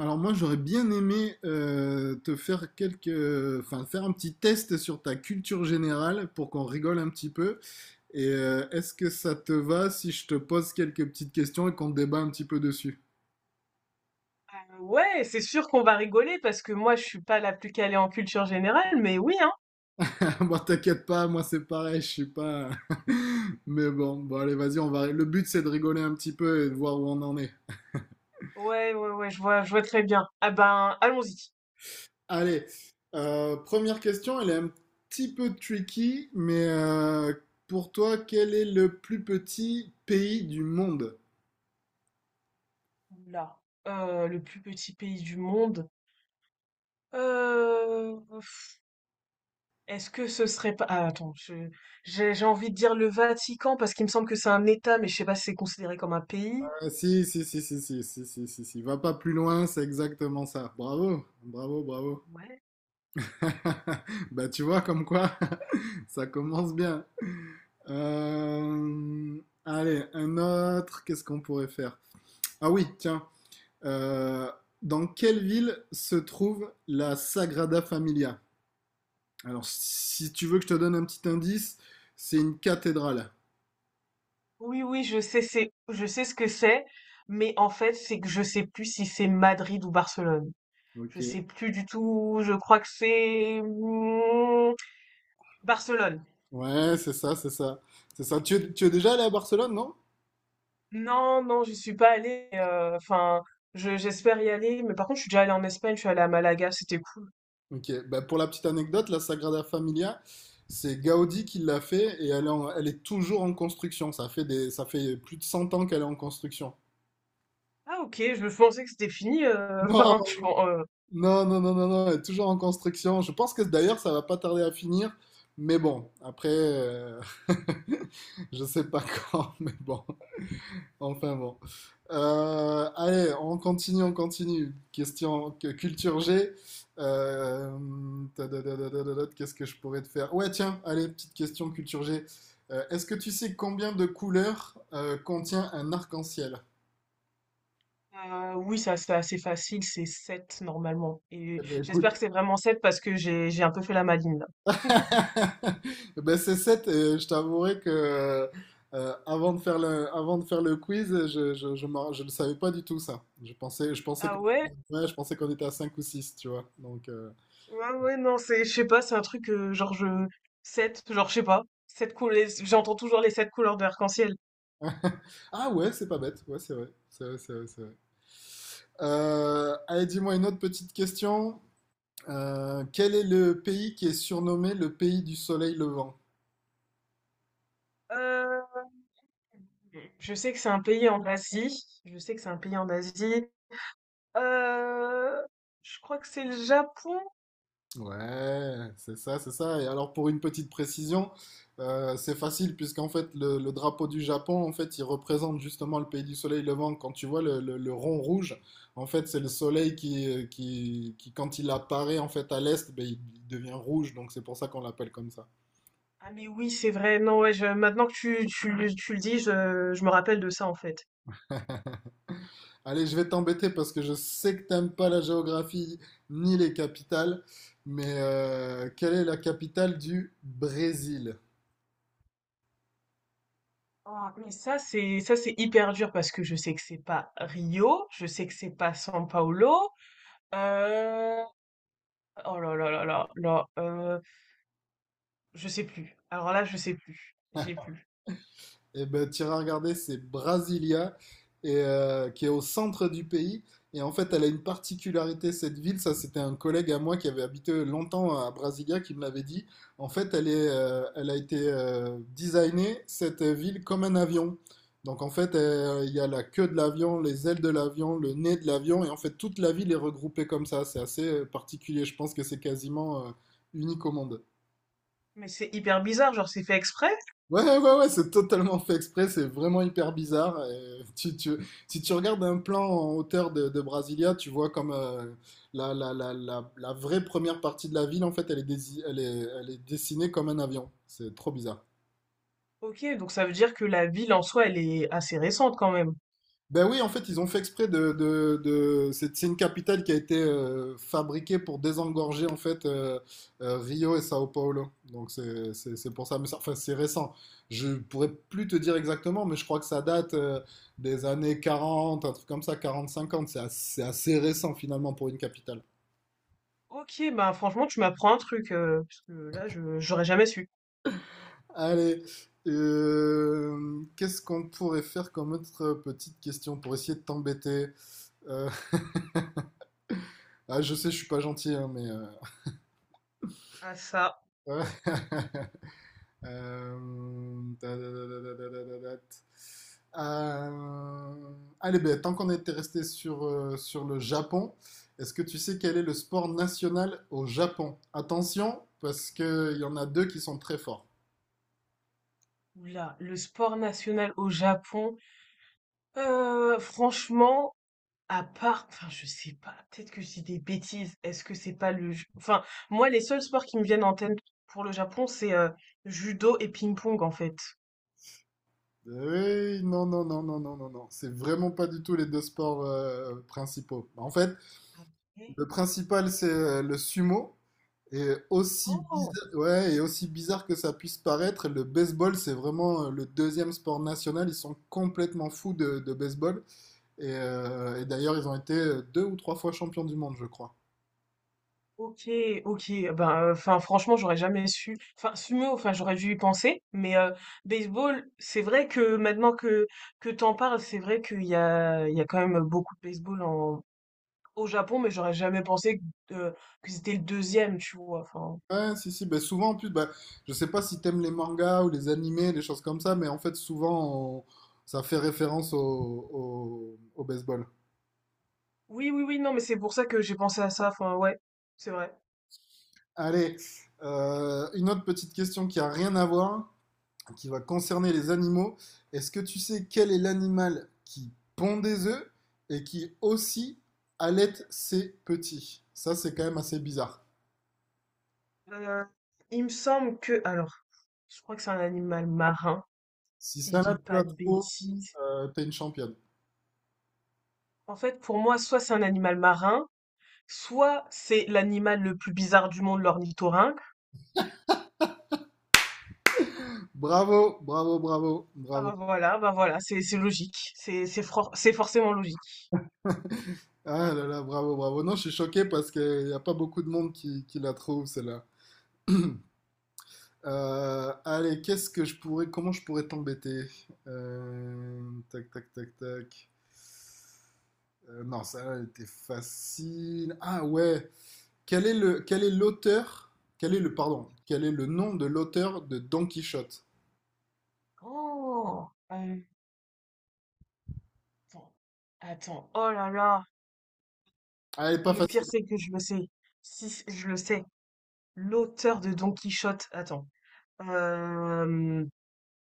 Alors moi j'aurais bien aimé te faire enfin faire un petit test sur ta culture générale pour qu'on rigole un petit peu. Et est-ce que ça te va si je te pose quelques petites questions et qu'on débat un petit peu dessus? Ouais, c'est sûr qu'on va rigoler parce que moi, je suis pas la plus calée en culture générale, mais oui, hein. Bon t'inquiète pas, moi c'est pareil, je suis pas. Mais bon allez vas-y, on va. Le but c'est de rigoler un petit peu et de voir où on en est. Ouais, ouais, ouais, je vois très bien. Ah ben, allons-y. Allez, première question, elle est un petit peu tricky, mais pour toi quel est le plus petit pays du monde? Là, le plus petit pays du monde. Euh, pff, est-ce que ce serait pas... Ah, attends, j'ai envie de dire le Vatican parce qu'il me semble que c'est un État, mais je sais pas si c'est considéré comme un pays. Ah, si, si, si, si, si, si, si, si, si. Va pas plus loin, c'est exactement ça. Bravo, bravo, bravo. Ouais. Bah, tu vois, comme quoi, ça commence bien. Allez, un autre, qu'est-ce qu'on pourrait faire? Ah oui, tiens. Euh, Dans quelle ville se trouve la Sagrada Familia? Alors, si tu veux que je te donne un petit indice, c'est une cathédrale. Oui, oui, je sais, c'est, je sais ce que c'est, mais en fait, c'est que je sais plus si c'est Madrid ou Barcelone. Je Ok. sais plus du tout, je crois que c'est Barcelone. Ouais, c'est ça, c'est ça. C'est ça. Tu es déjà allé à Barcelone, non? Non, non, je suis pas allée. Enfin, j'espère y aller, mais par contre, je suis déjà allée en Espagne, je suis allée à Malaga, c'était cool. Ok, bah, pour la petite anecdote, la Sagrada Familia, c'est Gaudi qui l'a fait et elle est toujours en construction. Ça fait plus de 100 ans qu'elle est en construction. Ah ok, je pensais que c'était fini. Non, Enfin, non, non, non, non, non, elle est toujours en construction. Je pense que d'ailleurs, ça va pas tarder à finir. Mais bon, après, je sais pas quand, mais bon. Enfin bon. Allez, on continue, on continue. Question culture G. Euh, Qu'est-ce que je pourrais te faire? Ouais, tiens, allez, petite question culture G. Est-ce que tu sais combien de couleurs contient un arc-en-ciel? Oui, ça c'est assez facile, c'est 7 normalement. Eh Et ben, écoute, j'espère que c'est vraiment 7 parce que j'ai un peu fait la maline là. ben, c'est sept. Et je t'avouerai que avant de faire le quiz, je ne savais pas du tout ça. Ah ouais? Ouais, je pensais qu'on était à 5 ou 6, tu vois. Donc, Ouais, ouais, non, c'est, je sais pas, c'est un truc, 7. Je sais pas, sept couleurs, j'entends toujours les sept couleurs de l'arc-en-ciel. Ah ouais, c'est pas bête. Ouais, c'est vrai. C'est vrai, c'est vrai, c'est vrai. Allez, dis-moi une autre petite question. Quel est le pays qui est surnommé le pays du soleil levant? Euh, Je sais que c'est un pays en Asie. Je sais que c'est un pays en Asie. Euh, je crois que c'est le Japon. Ouais, c'est ça, c'est ça. Et alors, pour une petite précision, c'est facile puisqu'en fait, le drapeau du Japon, en fait, il représente justement le pays du soleil levant. Quand tu vois le rond rouge, en fait, c'est le soleil quand il apparaît en fait à l'est, ben, il devient rouge. Donc, c'est pour ça qu'on l'appelle comme ça. Ah mais oui, c'est vrai. Non, ouais, maintenant que tu le dis, je me rappelle de ça en fait. Allez, je vais t'embêter parce que je sais que t'aimes pas la géographie ni les capitales, mais quelle est la capitale du Brésil? Ah, mais ça c'est hyper dur parce que je sais que c'est pas Rio, je sais que c'est pas São Paulo. Euh... Oh là là là là là. Je sais plus. Alors là, je sais plus. J'ai plus. Eh ben, t'iras regarder, c'est Brasilia, qui est au centre du pays. Et en fait, elle a une particularité, cette ville. Ça, c'était un collègue à moi qui avait habité longtemps à Brasilia qui me l'avait dit. En fait, elle a été designée, cette ville, comme un avion. Donc, en fait, il y a la queue de l'avion, les ailes de l'avion, le nez de l'avion. Et en fait, toute la ville est regroupée comme ça. C'est assez particulier. Je pense que c'est quasiment unique au monde. Mais c'est hyper bizarre, genre c'est fait exprès? Ouais, ouais, ouais, ouais, c'est totalement fait exprès, c'est vraiment hyper bizarre. Et si tu regardes un plan en hauteur de Brasilia, tu vois comme la vraie première partie de la ville, en fait, elle est, dési- elle est dessinée comme un avion. C'est trop bizarre. Ok, donc ça veut dire que la ville en soi, elle est assez récente quand même. Ben oui, en fait, ils ont fait exprès. C'est une capitale qui a été fabriquée pour désengorger en fait Rio et Sao Paulo. Donc c'est pour ça. Mais enfin, c'est récent. Je pourrais plus te dire exactement, mais je crois que ça date des années 40, un truc comme ça, quarante cinquante. C'est assez récent finalement pour une capitale. Ok, bah franchement, tu m'apprends un truc, parce que là, je j'aurais jamais su. Allez, qu'est-ce qu'on pourrait faire comme autre petite question pour essayer de t'embêter? Euh, ah, je sais, je suis pas gentil, hein, mais Ah ça, euh, Euh, Euh, allez, ben, tant qu'on était resté sur le Japon, est-ce que tu sais quel est le sport national au Japon? Attention, parce qu'il y en a deux qui sont très forts. là, le sport national au Japon. Franchement, à part, enfin je sais pas, peut-être que je dis des bêtises. Est-ce que c'est pas enfin moi, les seuls sports qui me viennent en tête pour le Japon, c'est judo et ping-pong en fait. Oui, non, non, non, non, non, non, non. C'est vraiment pas du tout les deux sports principaux. En fait, Ah, mais- le principal, c'est le sumo. Et aussi Oh. bizarre, ouais, et aussi bizarre que ça puisse paraître, le baseball, c'est vraiment le deuxième sport national. Ils sont complètement fous de baseball. Et d'ailleurs, ils ont été deux ou trois fois champions du monde, je crois. Ok, ok. Ben, enfin, franchement, j'aurais jamais su. Enfin, sumo, enfin, j'aurais dû y penser. Mais baseball, c'est vrai que maintenant que t'en parles, c'est vrai qu'il y a quand même beaucoup de baseball en au Japon, mais j'aurais jamais pensé que, euh, que c'était le deuxième, tu vois. Enfin, Ouais, si, si. Bah, souvent, en plus, bah, je sais pas si t'aimes les mangas ou les animés, les choses comme ça, mais en fait, souvent, ça fait référence au baseball. oui, oui, oui. Non, mais c'est pour ça que j'ai pensé à ça. Enfin, ouais, c'est vrai. Allez, une autre petite question qui a rien à voir. Qui va concerner les animaux. Est-ce que tu sais quel est l'animal qui pond des œufs et qui aussi allait ses petits. Ça, c'est quand même assez bizarre. Euh, il me semble que, alors, je crois que c'est un animal marin, Si si je celle-là, dis tu la pas de trouves, bêtises. T'es une championne. En fait, pour moi, soit c'est un animal marin. Soit c'est l'animal le plus bizarre du monde, l'ornithorynque. Bravo, bravo, bravo, bravo. Ah bah voilà, c'est logique, c'est forcément logique. Ah là là, bravo, bravo. Non, je suis choqué parce qu'il n'y a pas beaucoup de monde qui la trouve, celle-là. Allez, qu'est-ce que je pourrais, comment je pourrais t'embêter? Euh, Tac, tac, tac, tac. Non, ça elle était facile. Ah ouais. Quel est l'auteur? Quel est le, pardon, quel est le nom de l'auteur de Don Quichotte? Oh, euh, attends, attends, oh là là, Ah, elle est pas le pire facile. c'est que je le sais, si c- je le sais, l'auteur de Don Quichotte, attends, euh,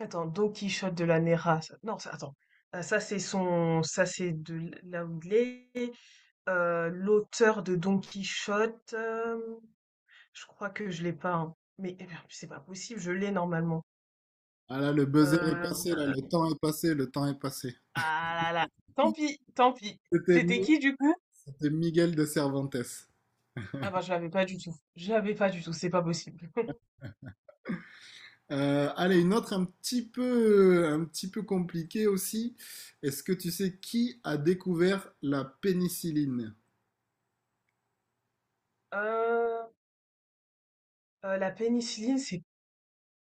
attends, Don Quichotte de la Néra, non, attends, ça c'est là où il est, l'auteur de Don Quichotte. Je crois que je l'ai pas, hein. Mais eh ben, c'est pas possible, je l'ai normalement. Ah là, le buzzer est Euh, passé, là, le temps est passé, le temps est passé. Ah là là. Tant pis, tant pis. C'était C'était Mi- qui du coup? c'était Miguel de Cervantes. Ah bah je l'avais pas du tout. Je l'avais pas du tout, c'est pas possible. Allez, une autre un petit peu compliquée aussi. Est-ce que tu sais qui a découvert la pénicilline? Euh, la pénicilline, c'est.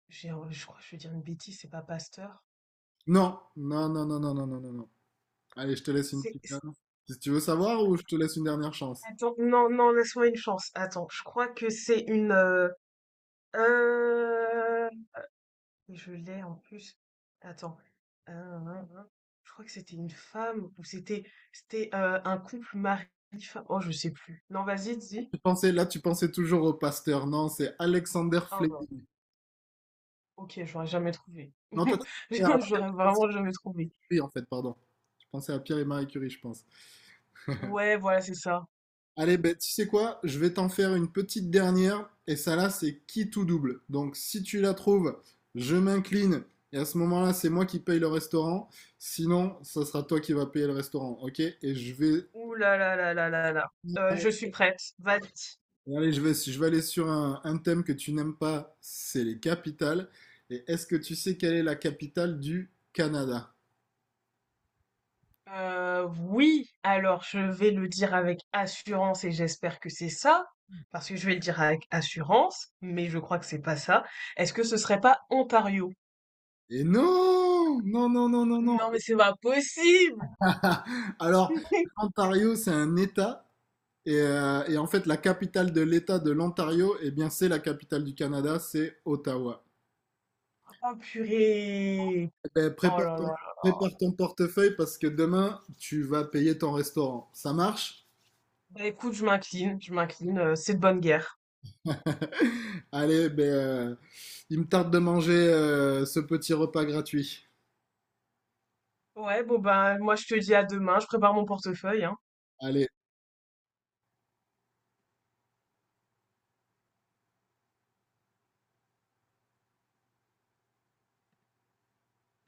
j'ai- Je crois que je vais dire une bêtise, c'est pas Pasteur. Non, non, non, non, non, non, non, non, non. Allez, je te laisse une C'est. petite. c'est- Si tu veux savoir ou je te laisse une dernière chance. Attends, non, non, laisse-moi une chance. Attends, je crois que c'est une. Euh, Et je l'ai en plus. Attends. Euh, je crois que c'était une femme ou c'était un couple mari-femme. Oh, je sais plus. Non, vas-y, dis. Tu pensais toujours au Pasteur. Non, c'est Alexander Ah bah, Fleming. ok, j'aurais jamais trouvé. Non, toi, tu pensais à Pierre J'aurais et Marie vraiment jamais trouvé. Curie, en fait, pardon. Tu pensais à Pierre et Marie Curie, je pense. Ouais, voilà, c'est ça. Allez, ben, tu sais quoi? Je vais t'en faire une petite dernière. Et ça là, c'est qui tout double. Donc si tu la trouves, je m'incline. Et à ce moment-là, c'est moi qui paye le restaurant. Sinon, ça sera toi qui vas payer le restaurant. Ok? Et je vais. Ouh là là là là là là. Je suis prête. Vas-y. Allez, je vais aller sur un thème que tu n'aimes pas, c'est les capitales. Et est-ce que tu sais quelle est la capitale du Canada? Oui, alors je vais le dire avec assurance et j'espère que c'est ça, parce que je vais le dire avec assurance, mais je crois que c'est pas ça. Est-ce que ce serait pas Ontario? Et non! Non, non, non, non, non! Non, mais c'est pas possible! Alors, Ontario, c'est un État. Et en fait, la capitale de l'État de l'Ontario, eh bien, c'est la capitale du Canada, c'est Ottawa. Oh purée! Eh ben, Oh là là. prépare ton portefeuille parce que demain, tu vas payer ton restaurant. Ça marche? Bah écoute, je m'incline, c'est de bonne guerre. Allez, ben, il me tarde de manger ce petit repas gratuit. Ouais, bon bah moi je te dis à demain, je prépare mon portefeuille, hein. Allez.